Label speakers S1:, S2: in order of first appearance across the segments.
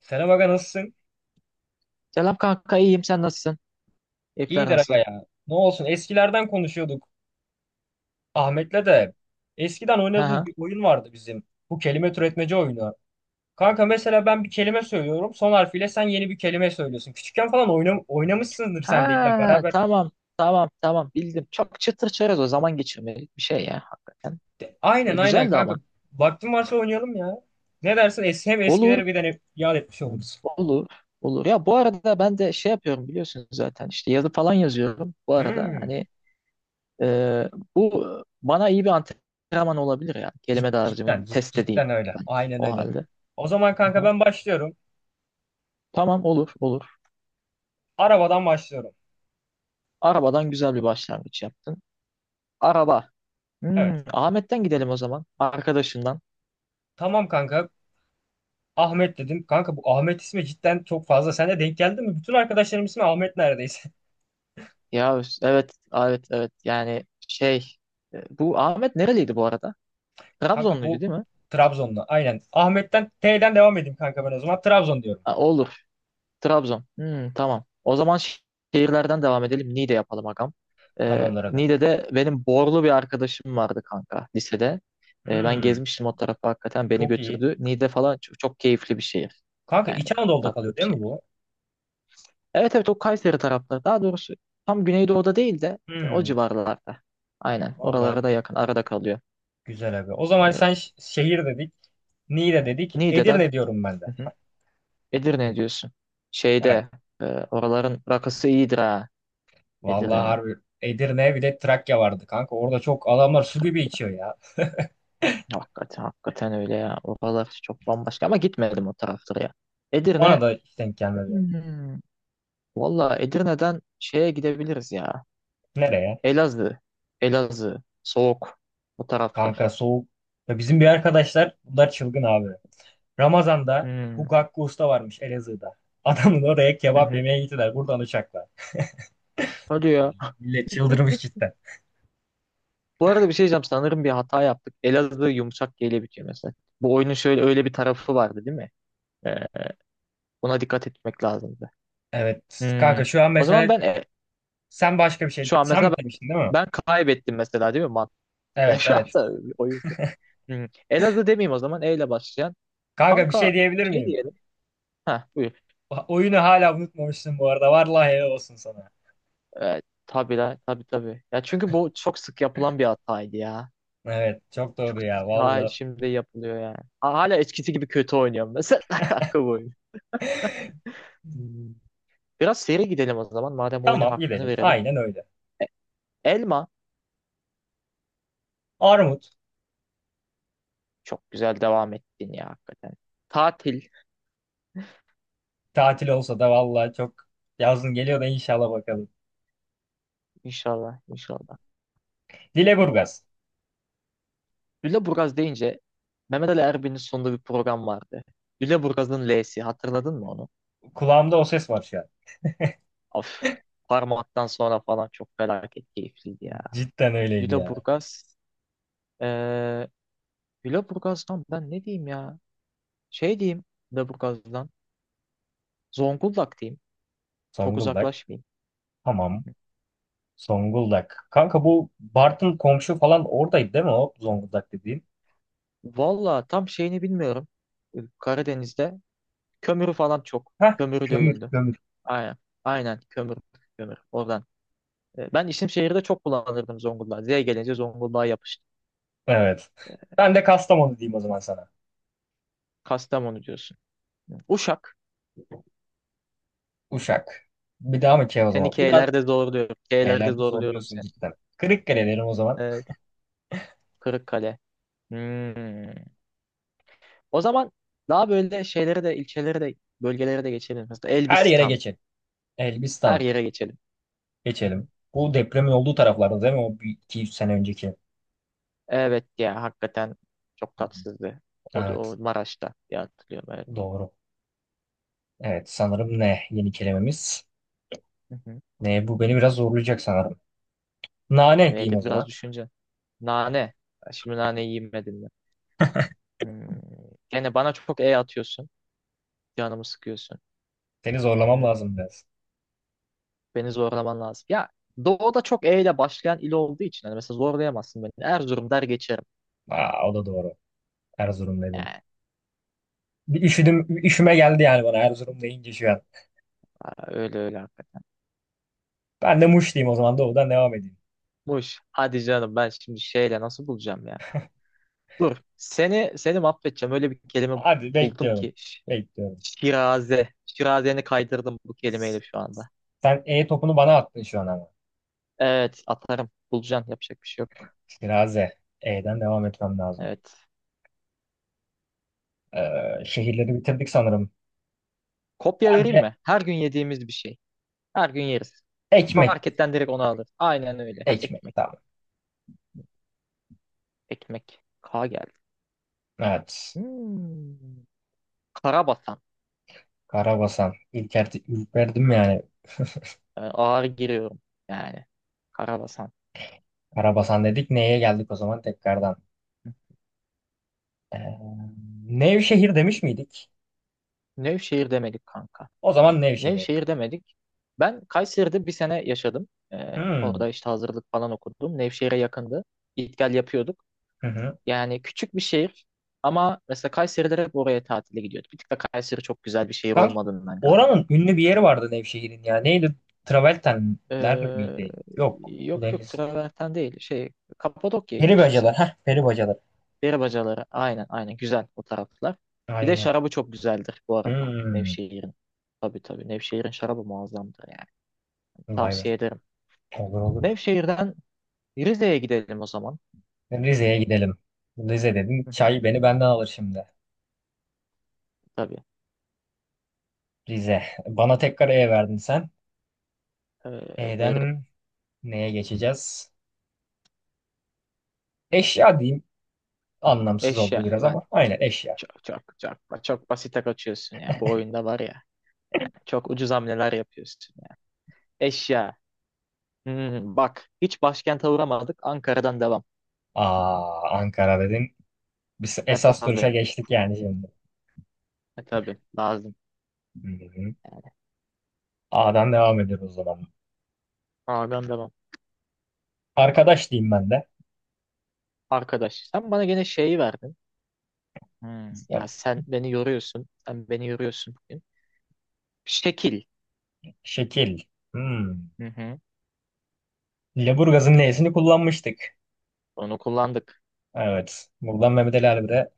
S1: Selam aga, nasılsın?
S2: Selam kanka iyiyim sen nasılsın? Keyifler
S1: İyidir aga
S2: nasıl?
S1: ya. Ne olsun, eskilerden konuşuyorduk Ahmet'le de. Eskiden
S2: Ha
S1: oynadığımız
S2: ha.
S1: bir oyun vardı bizim. Bu kelime türetmece oyunu. Kanka mesela ben bir kelime söylüyorum. Son harfiyle sen yeni bir kelime söylüyorsun. Küçükken falan oynamışsındır sen de illa
S2: Ha
S1: beraber.
S2: tamam tamam bildim. Çok çıtır çerez o zaman geçirmelik bir şey ya hakikaten.
S1: Aynen aynen
S2: Güzel de
S1: kanka.
S2: ama.
S1: Vaktin varsa oynayalım ya. Ne dersin? Hem
S2: Olur
S1: eskileri bir tane yad etmiş oluruz.
S2: olur olur. Ya bu arada ben de şey yapıyorum biliyorsunuz zaten işte yazı falan yazıyorum bu arada.
S1: Hmm.
S2: Hani e, bu bana iyi bir antrenman olabilir ya.
S1: Cid-
S2: Kelime dağarcığımı bir
S1: Cidden, cid-
S2: test edeyim
S1: cidden öyle.
S2: ben
S1: Aynen
S2: o
S1: öyle.
S2: halde.
S1: O zaman kanka
S2: Aha.
S1: ben başlıyorum.
S2: Tamam olur.
S1: Arabadan başlıyorum.
S2: Arabadan güzel bir başlangıç yaptın. Araba. Hmm,
S1: Evet.
S2: Ahmet'ten gidelim o zaman. Arkadaşından.
S1: Tamam kanka. Ahmet dedim. Kanka bu Ahmet ismi cidden çok fazla. Sen de denk geldi mi? Bütün arkadaşlarım ismi Ahmet neredeyse.
S2: Ya evet. Yani şey, bu Ahmet nereliydi bu arada?
S1: Kanka bu
S2: Trabzonluydu değil mi?
S1: Trabzonlu. Aynen. Ahmet'ten T'den devam edeyim kanka ben o zaman. Trabzon diyorum.
S2: Ha, olur, Trabzon. Hmm, tamam. O zaman şehirlerden devam edelim. Niğde yapalım agam.
S1: Tamamlar aga.
S2: Niğde'de benim Borlu bir arkadaşım vardı kanka lisede. Ben
S1: Hmm,
S2: gezmiştim o tarafa hakikaten beni
S1: çok iyi.
S2: götürdü. Niğde falan çok keyifli bir şehir.
S1: Kanka
S2: Yani
S1: İç
S2: çok
S1: Anadolu'da
S2: tatlı
S1: kalıyor
S2: bir
S1: değil mi
S2: şehir.
S1: bu?
S2: Evet, o Kayseri tarafları. Daha doğrusu tam Güneydoğu'da değil de o
S1: Hmm,
S2: civarlarda. Aynen
S1: vallahi
S2: oralara da yakın arada kalıyor.
S1: güzel abi. O zaman
S2: Ee,
S1: sen şehir dedik. Niğde dedik.
S2: Niğde'den
S1: Edirne diyorum ben de.
S2: Hı hı. Edirne diyorsun.
S1: Evet.
S2: Şeyde oraların rakısı iyidir ha.
S1: Vallahi
S2: Edirne'nin.
S1: harbi. Edirne bir de Trakya vardı kanka. Orada çok adamlar su gibi
S2: Trakya.
S1: içiyor ya.
S2: Hakikaten öyle ya. Oralar çok bambaşka ama gitmedim o taraflara ya.
S1: Bana
S2: Edirne,
S1: da hiç denk gelmedi.
S2: hmm, valla Edirne'den şeye gidebiliriz ya.
S1: Nereye?
S2: Elazığ. Elazığ. Soğuk. O taraflar.
S1: Kanka soğuk. Ya bizim bir arkadaşlar bunlar çılgın abi. Ramazan'da
S2: Hmm.
S1: bu Gakko Usta varmış Elazığ'da. Adamın oraya
S2: Hı
S1: kebap
S2: hı.
S1: yemeye gittiler buradan uçakla.
S2: Hadi ya.
S1: Millet çıldırmış cidden.
S2: Bu arada bir şey diyeceğim. Sanırım bir hata yaptık. Elazığ yumuşak G ile bitiyor mesela. Bu oyunun şöyle öyle bir tarafı vardı değil mi? Ee, Buna dikkat etmek lazımdı.
S1: Evet kanka,
S2: Hmm.
S1: şu an
S2: O zaman
S1: mesela
S2: ben, e,
S1: sen başka bir şey
S2: şu an
S1: sen
S2: mesela
S1: mi
S2: ben,
S1: demiştin değil mi?
S2: ben kaybettim mesela değil mi mantık? Yani
S1: Evet
S2: şu
S1: evet.
S2: anda bir oyun. Hmm. Elazığ demeyeyim o zaman E ile başlayan.
S1: Kanka bir şey
S2: Kanka
S1: diyebilir
S2: şey
S1: miyim?
S2: diyelim. Ha buyur.
S1: Oyunu hala unutmamışsın bu arada. Vallahi helal olsun sana.
S2: Evet, tabii la tabii. Ya çünkü bu çok sık yapılan bir hataydı ya.
S1: Evet çok doğru
S2: Çok
S1: ya
S2: sık ha,
S1: vallahi.
S2: şimdi yapılıyor yani. Ha, hala eskisi gibi kötü oynuyorum mesela kanka bu oyunu. Hmm. Biraz seri gidelim o zaman madem oyunun
S1: Tamam
S2: hakkını
S1: gidelim.
S2: verelim.
S1: Aynen öyle.
S2: Elma
S1: Armut
S2: çok güzel devam ettin ya hakikaten. Tatil,
S1: tatil olsa da vallahi çok, yazın geliyor da inşallah bakalım.
S2: inşallah inşallah.
S1: Dileburgaz.
S2: Lüleburgaz deyince Mehmet Ali Erbil'in sonunda bir program vardı. Lüleburgaz'ın L'si, hatırladın mı onu?
S1: Kulağımda o ses var şu an.
S2: Of, parmaktan sonra falan çok felaket keyifliydi ya.
S1: Cidden öyleydi ya.
S2: Lüleburgaz, eee Lüleburgaz'dan ben ne diyeyim ya? Şey diyeyim, Lüleburgaz'dan Zonguldak diyeyim. Çok
S1: Zonguldak.
S2: uzaklaşmayayım.
S1: Tamam. Zonguldak. Kanka bu Bartın komşu falan oradaydı değil mi o Zonguldak dediğin?
S2: Valla tam şeyini bilmiyorum. Karadeniz'de kömürü falan çok.
S1: Heh.
S2: Kömürüyle
S1: Kömür,
S2: ünlü.
S1: kömür.
S2: Aynen. Aynen kömür. Kömür. Oradan. Ben isim şehirde çok kullanırdım Zonguldak. Z gelince Zonguldak'a yapıştı.
S1: Evet. Ben de Kastamonu diyeyim o zaman sana.
S2: Kastamonu diyorsun. Uşak.
S1: Uşak. Bir daha mı K o
S2: Seni
S1: zaman? Bir daha
S2: K'lerde zorluyorum. K'lerde
S1: Şeylerde
S2: zorluyorum
S1: zorluyorsun
S2: seni.
S1: cidden. Kırıkkale derim o zaman.
S2: Evet. Kırıkkale. Hmm. O zaman daha böyle şeylere de, ilçelere de, bölgelere de geçelim. Mesela
S1: Her yere
S2: Elbistan.
S1: geçelim.
S2: Her
S1: Elbistan.
S2: yere geçelim. Hı
S1: Geçelim.
S2: hı.
S1: Bu depremin olduğu taraflarda değil mi? O bir 200 sene önceki. Hı
S2: Evet ya, hakikaten çok
S1: hı.
S2: tatsızdı. O da
S1: Evet.
S2: o Maraş'ta diye hatırlıyorum, evet.
S1: Doğru. Evet. Sanırım ne? Yeni kelimemiz.
S2: Hı hı.
S1: Ne, bu beni biraz zorlayacak sanırım. Nane diyeyim
S2: Neydi,
S1: o
S2: biraz
S1: zaman.
S2: düşünce. Nane. Ya şimdi nane yemedim ben. Hmm. Gene bana çok E atıyorsun. Canımı sıkıyorsun.
S1: Seni zorlamam
S2: Hmm.
S1: lazım biraz.
S2: Beni zorlaman lazım. Ya Doğu'da çok E ile başlayan il olduğu için hani mesela zorlayamazsın beni. Erzurum der geçerim.
S1: Aa, o da doğru. Erzurum dedim.
S2: Yani
S1: Bir üşüdüm, üşüme geldi yani bana Erzurum deyince şu an.
S2: aa, öyle öyle hakikaten.
S1: Ben de Muş diyeyim o zaman, doğudan devam edeyim.
S2: Muş. Hadi canım ben şimdi şeyle nasıl bulacağım ya? Dur. Seni mahvedeceğim. Öyle bir kelime
S1: Hadi
S2: buldum
S1: bekliyorum.
S2: ki.
S1: Bekliyorum.
S2: Şiraze. Şirazeni kaydırdım bu kelimeyle şu anda.
S1: Sen E topunu bana attın şu an ama.
S2: Evet atarım. Bulacaksın. Yapacak bir şey yok.
S1: Şiraze. E'den devam etmem lazım.
S2: Evet.
S1: Şehirleri bitirdik sanırım.
S2: Kopya
S1: Ben
S2: vereyim
S1: de
S2: mi? Her gün yediğimiz bir şey. Her gün yeriz.
S1: ekmek.
S2: Marketten direkt onu alır. Aynen öyle.
S1: Ekmek
S2: Ekmek.
S1: tamam.
S2: Ekmek. K geldi.
S1: Evet.
S2: Hmm. Karabasan.
S1: Karabasan. İlk verdim yani.
S2: Yani ağır giriyorum yani. Karabasan.
S1: Karabasan dedik. Neye geldik o zaman tekrardan? Ee, Nevşehir demiş miydik?
S2: Nevşehir demedik kanka.
S1: O zaman Nevşehir. Diyor.
S2: Nevşehir demedik. Ben Kayseri'de bir sene yaşadım.
S1: Hmm.
S2: Orada işte hazırlık falan okudum. Nevşehir'e yakındı. Git gel yapıyorduk.
S1: Hı hı.
S2: Yani küçük bir şehir ama mesela Kayseri'de hep oraya tatile gidiyorduk. Bir tık da Kayseri çok güzel bir şehir
S1: Kanka,
S2: olmadığından galiba.
S1: oranın ünlü bir yeri vardı Nevşehir'in ya. Neydi? Travertenler
S2: Ee,
S1: miydi? Yok. Bu
S2: Yok yok,
S1: deniz.
S2: Traverten değil. Şey, Kapadokya'ya gidiyorsun sen.
S1: Peribacalar. Heh, peribacalar.
S2: Peri bacaları. Aynen aynen, güzel o taraflar. Bir de
S1: Aynen.
S2: şarabı çok güzeldir bu arada.
S1: Hmm.
S2: Nevşehir'in. Tabii tabii. Nevşehir'in şarabı muazzamdır yani.
S1: Vay be.
S2: Tavsiye ederim.
S1: Olur olur.
S2: Nevşehir'den Rize'ye gidelim o zaman.
S1: Rize'ye gidelim. Rize dedim.
S2: Hı hı,
S1: Çay beni benden alır şimdi.
S2: tabii.
S1: Rize. Bana tekrar E verdin sen.
S2: Ee, Veririm.
S1: E'den neye geçeceğiz? Eşya diyeyim. Anlamsız oldu
S2: Eşya.
S1: biraz
S2: Ben
S1: ama. Aynen eşya.
S2: çok basite kaçıyorsun ya. Bu oyunda var ya. Yani çok ucuz hamleler yapıyorsun ya. Eşya. Hmm, bak hiç başkente uğramadık. Ankara'dan devam.
S1: Aa, Ankara dedin. Biz
S2: E
S1: esas duruşa
S2: tabii.
S1: geçtik yani şimdi.
S2: E tabii. Lazım.
S1: Hı-hı.
S2: Yani.
S1: A'dan devam ediyoruz o zaman.
S2: Ağırdan devam.
S1: Arkadaş diyeyim ben de.
S2: Arkadaş, sen bana gene şeyi verdin. Hmm, ya
S1: Sen-
S2: sen beni yoruyorsun. Sen beni yoruyorsun bugün. Şekil.
S1: Şekil. Hmm.
S2: Hı hı.
S1: Leburgaz'ın L'sini kullanmıştık.
S2: Onu kullandık.
S1: Evet. Buradan Mehmet Ali Erbil'e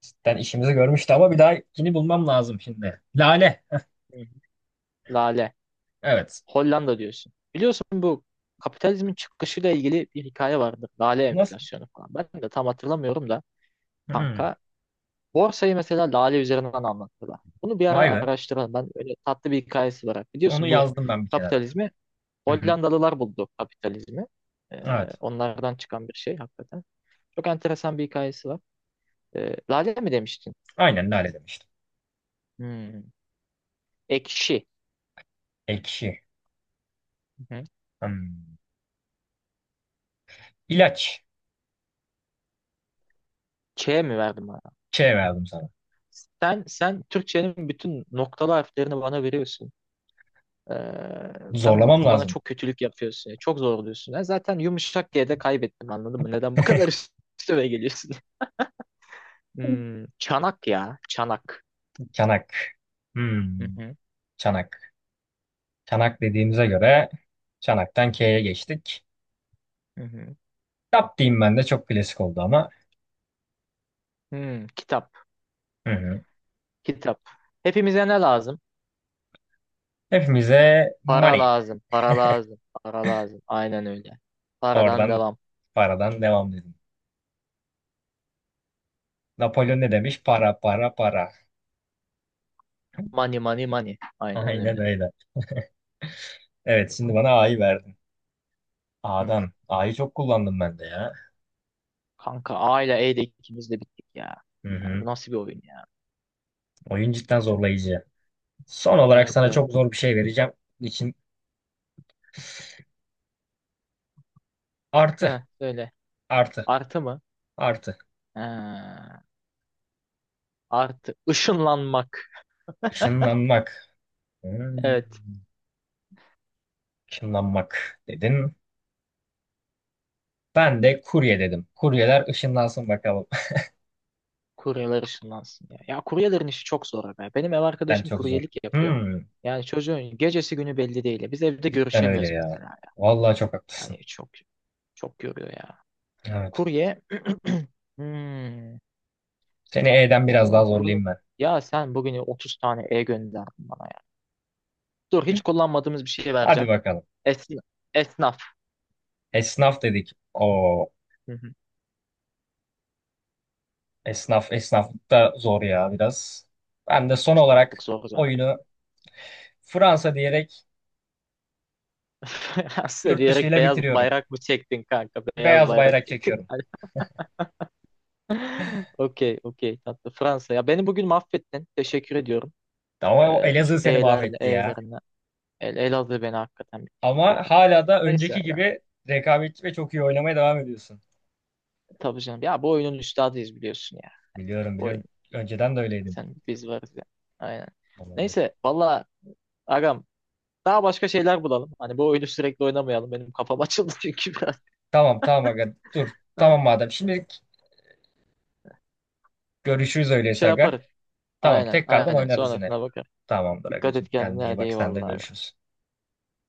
S1: cidden işimizi görmüştü ama bir daha yeni bulmam lazım şimdi. Lale.
S2: Hı hı. Lale.
S1: Evet.
S2: Hollanda diyorsun. Biliyorsun bu kapitalizmin çıkışıyla ilgili bir hikaye vardır. Lale
S1: Nasıl?
S2: enflasyonu falan. Ben de tam hatırlamıyorum da
S1: Hmm.
S2: kanka. Borsayı mesela lale üzerinden anlattılar. Bunu bir ara
S1: Vay be.
S2: araştıralım. Ben öyle, tatlı bir hikayesi var.
S1: Onu
S2: Biliyorsun bu
S1: yazdım ben bir kenara.
S2: kapitalizmi,
S1: Hı-hı.
S2: Hollandalılar buldu kapitalizmi. Ee,
S1: Evet.
S2: Onlardan çıkan bir şey hakikaten. Çok enteresan bir hikayesi var. Lale mi demiştin?
S1: Aynen lale demiştim.
S2: Hmm. Ekşi.
S1: Ekşi.
S2: Hı hı.
S1: Hmm. İlaç.
S2: Ç mi verdim bana?
S1: Ç verdim sana.
S2: Sen Türkçenin bütün noktalı harflerini bana veriyorsun. Ee, Sen
S1: Zorlamam
S2: bugün bana
S1: lazım.
S2: çok kötülük yapıyorsun. Çok zorluyorsun. Ben zaten yumuşak diye de kaybettim, anladın mı? Neden bu kadar üstüme geliyorsun? Hmm, çanak ya. Çanak.
S1: Çanak. Hmm.
S2: Hı hı.
S1: Çanak. Çanak dediğimize göre Çanak'tan K'ye geçtik.
S2: Hı hı.
S1: Tap diyeyim ben de, çok klasik oldu ama.
S2: Hmm, kitap.
S1: Hı hı.
S2: Kitap. Hepimize ne lazım?
S1: Hepimize
S2: Para
S1: money.
S2: lazım. Para lazım. Para lazım. Aynen öyle. Paradan
S1: Oradan,
S2: devam.
S1: paradan devam dedim. Napolyon ne demiş? Para para para.
S2: Money money money. Aynen
S1: Aynen
S2: öyle.
S1: öyle. Evet şimdi bana A'yı verdin. A'dan. A'yı çok kullandım ben de ya.
S2: Kanka A ile E'de ikimiz de bittik ya.
S1: Hı
S2: Yani
S1: hı.
S2: bu nasıl bir oyun ya,
S1: Oyun cidden
S2: hakikaten.
S1: zorlayıcı. Son olarak
S2: Evet
S1: sana
S2: evet.
S1: çok zor bir şey vereceğim. İçin artı.
S2: Heh, söyle.
S1: Artı.
S2: Artı mı?
S1: Artı.
S2: Ee, Artı. Işınlanmak.
S1: Işınlanmak. Hmm.
S2: Evet.
S1: Işınlanmak dedin. Ben de kurye dedim. Kuryeler ışınlansın bakalım.
S2: Kuryeler ışınlansın ya. Ya kuryelerin işi çok zor be. Benim ev
S1: Ben
S2: arkadaşım
S1: çok zor.
S2: kuryelik yapıyor.
S1: Hmm,
S2: Yani çocuğun gecesi günü belli değil ya. Biz evde
S1: cidden öyle
S2: görüşemiyoruz
S1: ya.
S2: mesela ya.
S1: Vallahi çok haklısın.
S2: Hani çok görüyor ya.
S1: Evet.
S2: Kurye. Hmm.
S1: Seni E'den biraz daha
S2: Valla kurye.
S1: zorlayayım ben.
S2: Ya sen bugün 30 tane E gönderdin bana ya. Dur, hiç kullanmadığımız bir şey
S1: Hadi
S2: vereceğim.
S1: bakalım.
S2: Esna, esnaf.
S1: Esnaf dedik. O
S2: Hı hı.
S1: esnaf, esnaf da zor ya biraz. Ben de son
S2: Esnaflık
S1: olarak
S2: zor zor.
S1: oyunu Fransa diyerek
S2: Aslında
S1: yurt
S2: diyerek
S1: dışıyla
S2: beyaz
S1: bitiriyorum.
S2: bayrak mı çektin kanka? Beyaz
S1: Beyaz
S2: bayrak
S1: bayrak
S2: çektin.
S1: çekiyorum.
S2: Okey, okey, tatlı. Fransa. Ya beni bugün mahvettin. Teşekkür ediyorum.
S1: Ama o Elazığ
S2: Şu
S1: seni
S2: E'lerle,
S1: mahvetti ya.
S2: E'lerine. Elazığ beni hakikaten bitirdi
S1: Ama
S2: ya.
S1: hala da
S2: Neyse
S1: önceki
S2: ya.
S1: gibi rekabetçi ve çok iyi oynamaya devam ediyorsun.
S2: Tabii canım. Ya bu oyunun üstadıyız, biliyorsun ya.
S1: Biliyorum
S2: Bu oyun.
S1: biliyorum. Önceden de öyleydin.
S2: Sen biz varız ya. Aynen.
S1: Tamamdır.
S2: Neyse. Valla agam. Daha başka şeyler bulalım. Hani bu oyunu sürekli oynamayalım. Benim kafam açıldı çünkü biraz.
S1: Tamam tamam aga dur.
S2: Ha,
S1: Tamam madem. Şimdilik görüşürüz öyleyse
S2: şey
S1: aga.
S2: yaparız.
S1: Tamam
S2: Aynen
S1: tekrardan
S2: aynen,
S1: oynarız yine.
S2: sonrasına bakar.
S1: Tamamdır
S2: Dikkat
S1: agacığım.
S2: et kendine,
S1: Kendine iyi
S2: hadi
S1: bak, sen de
S2: eyvallah abi.
S1: görüşürüz.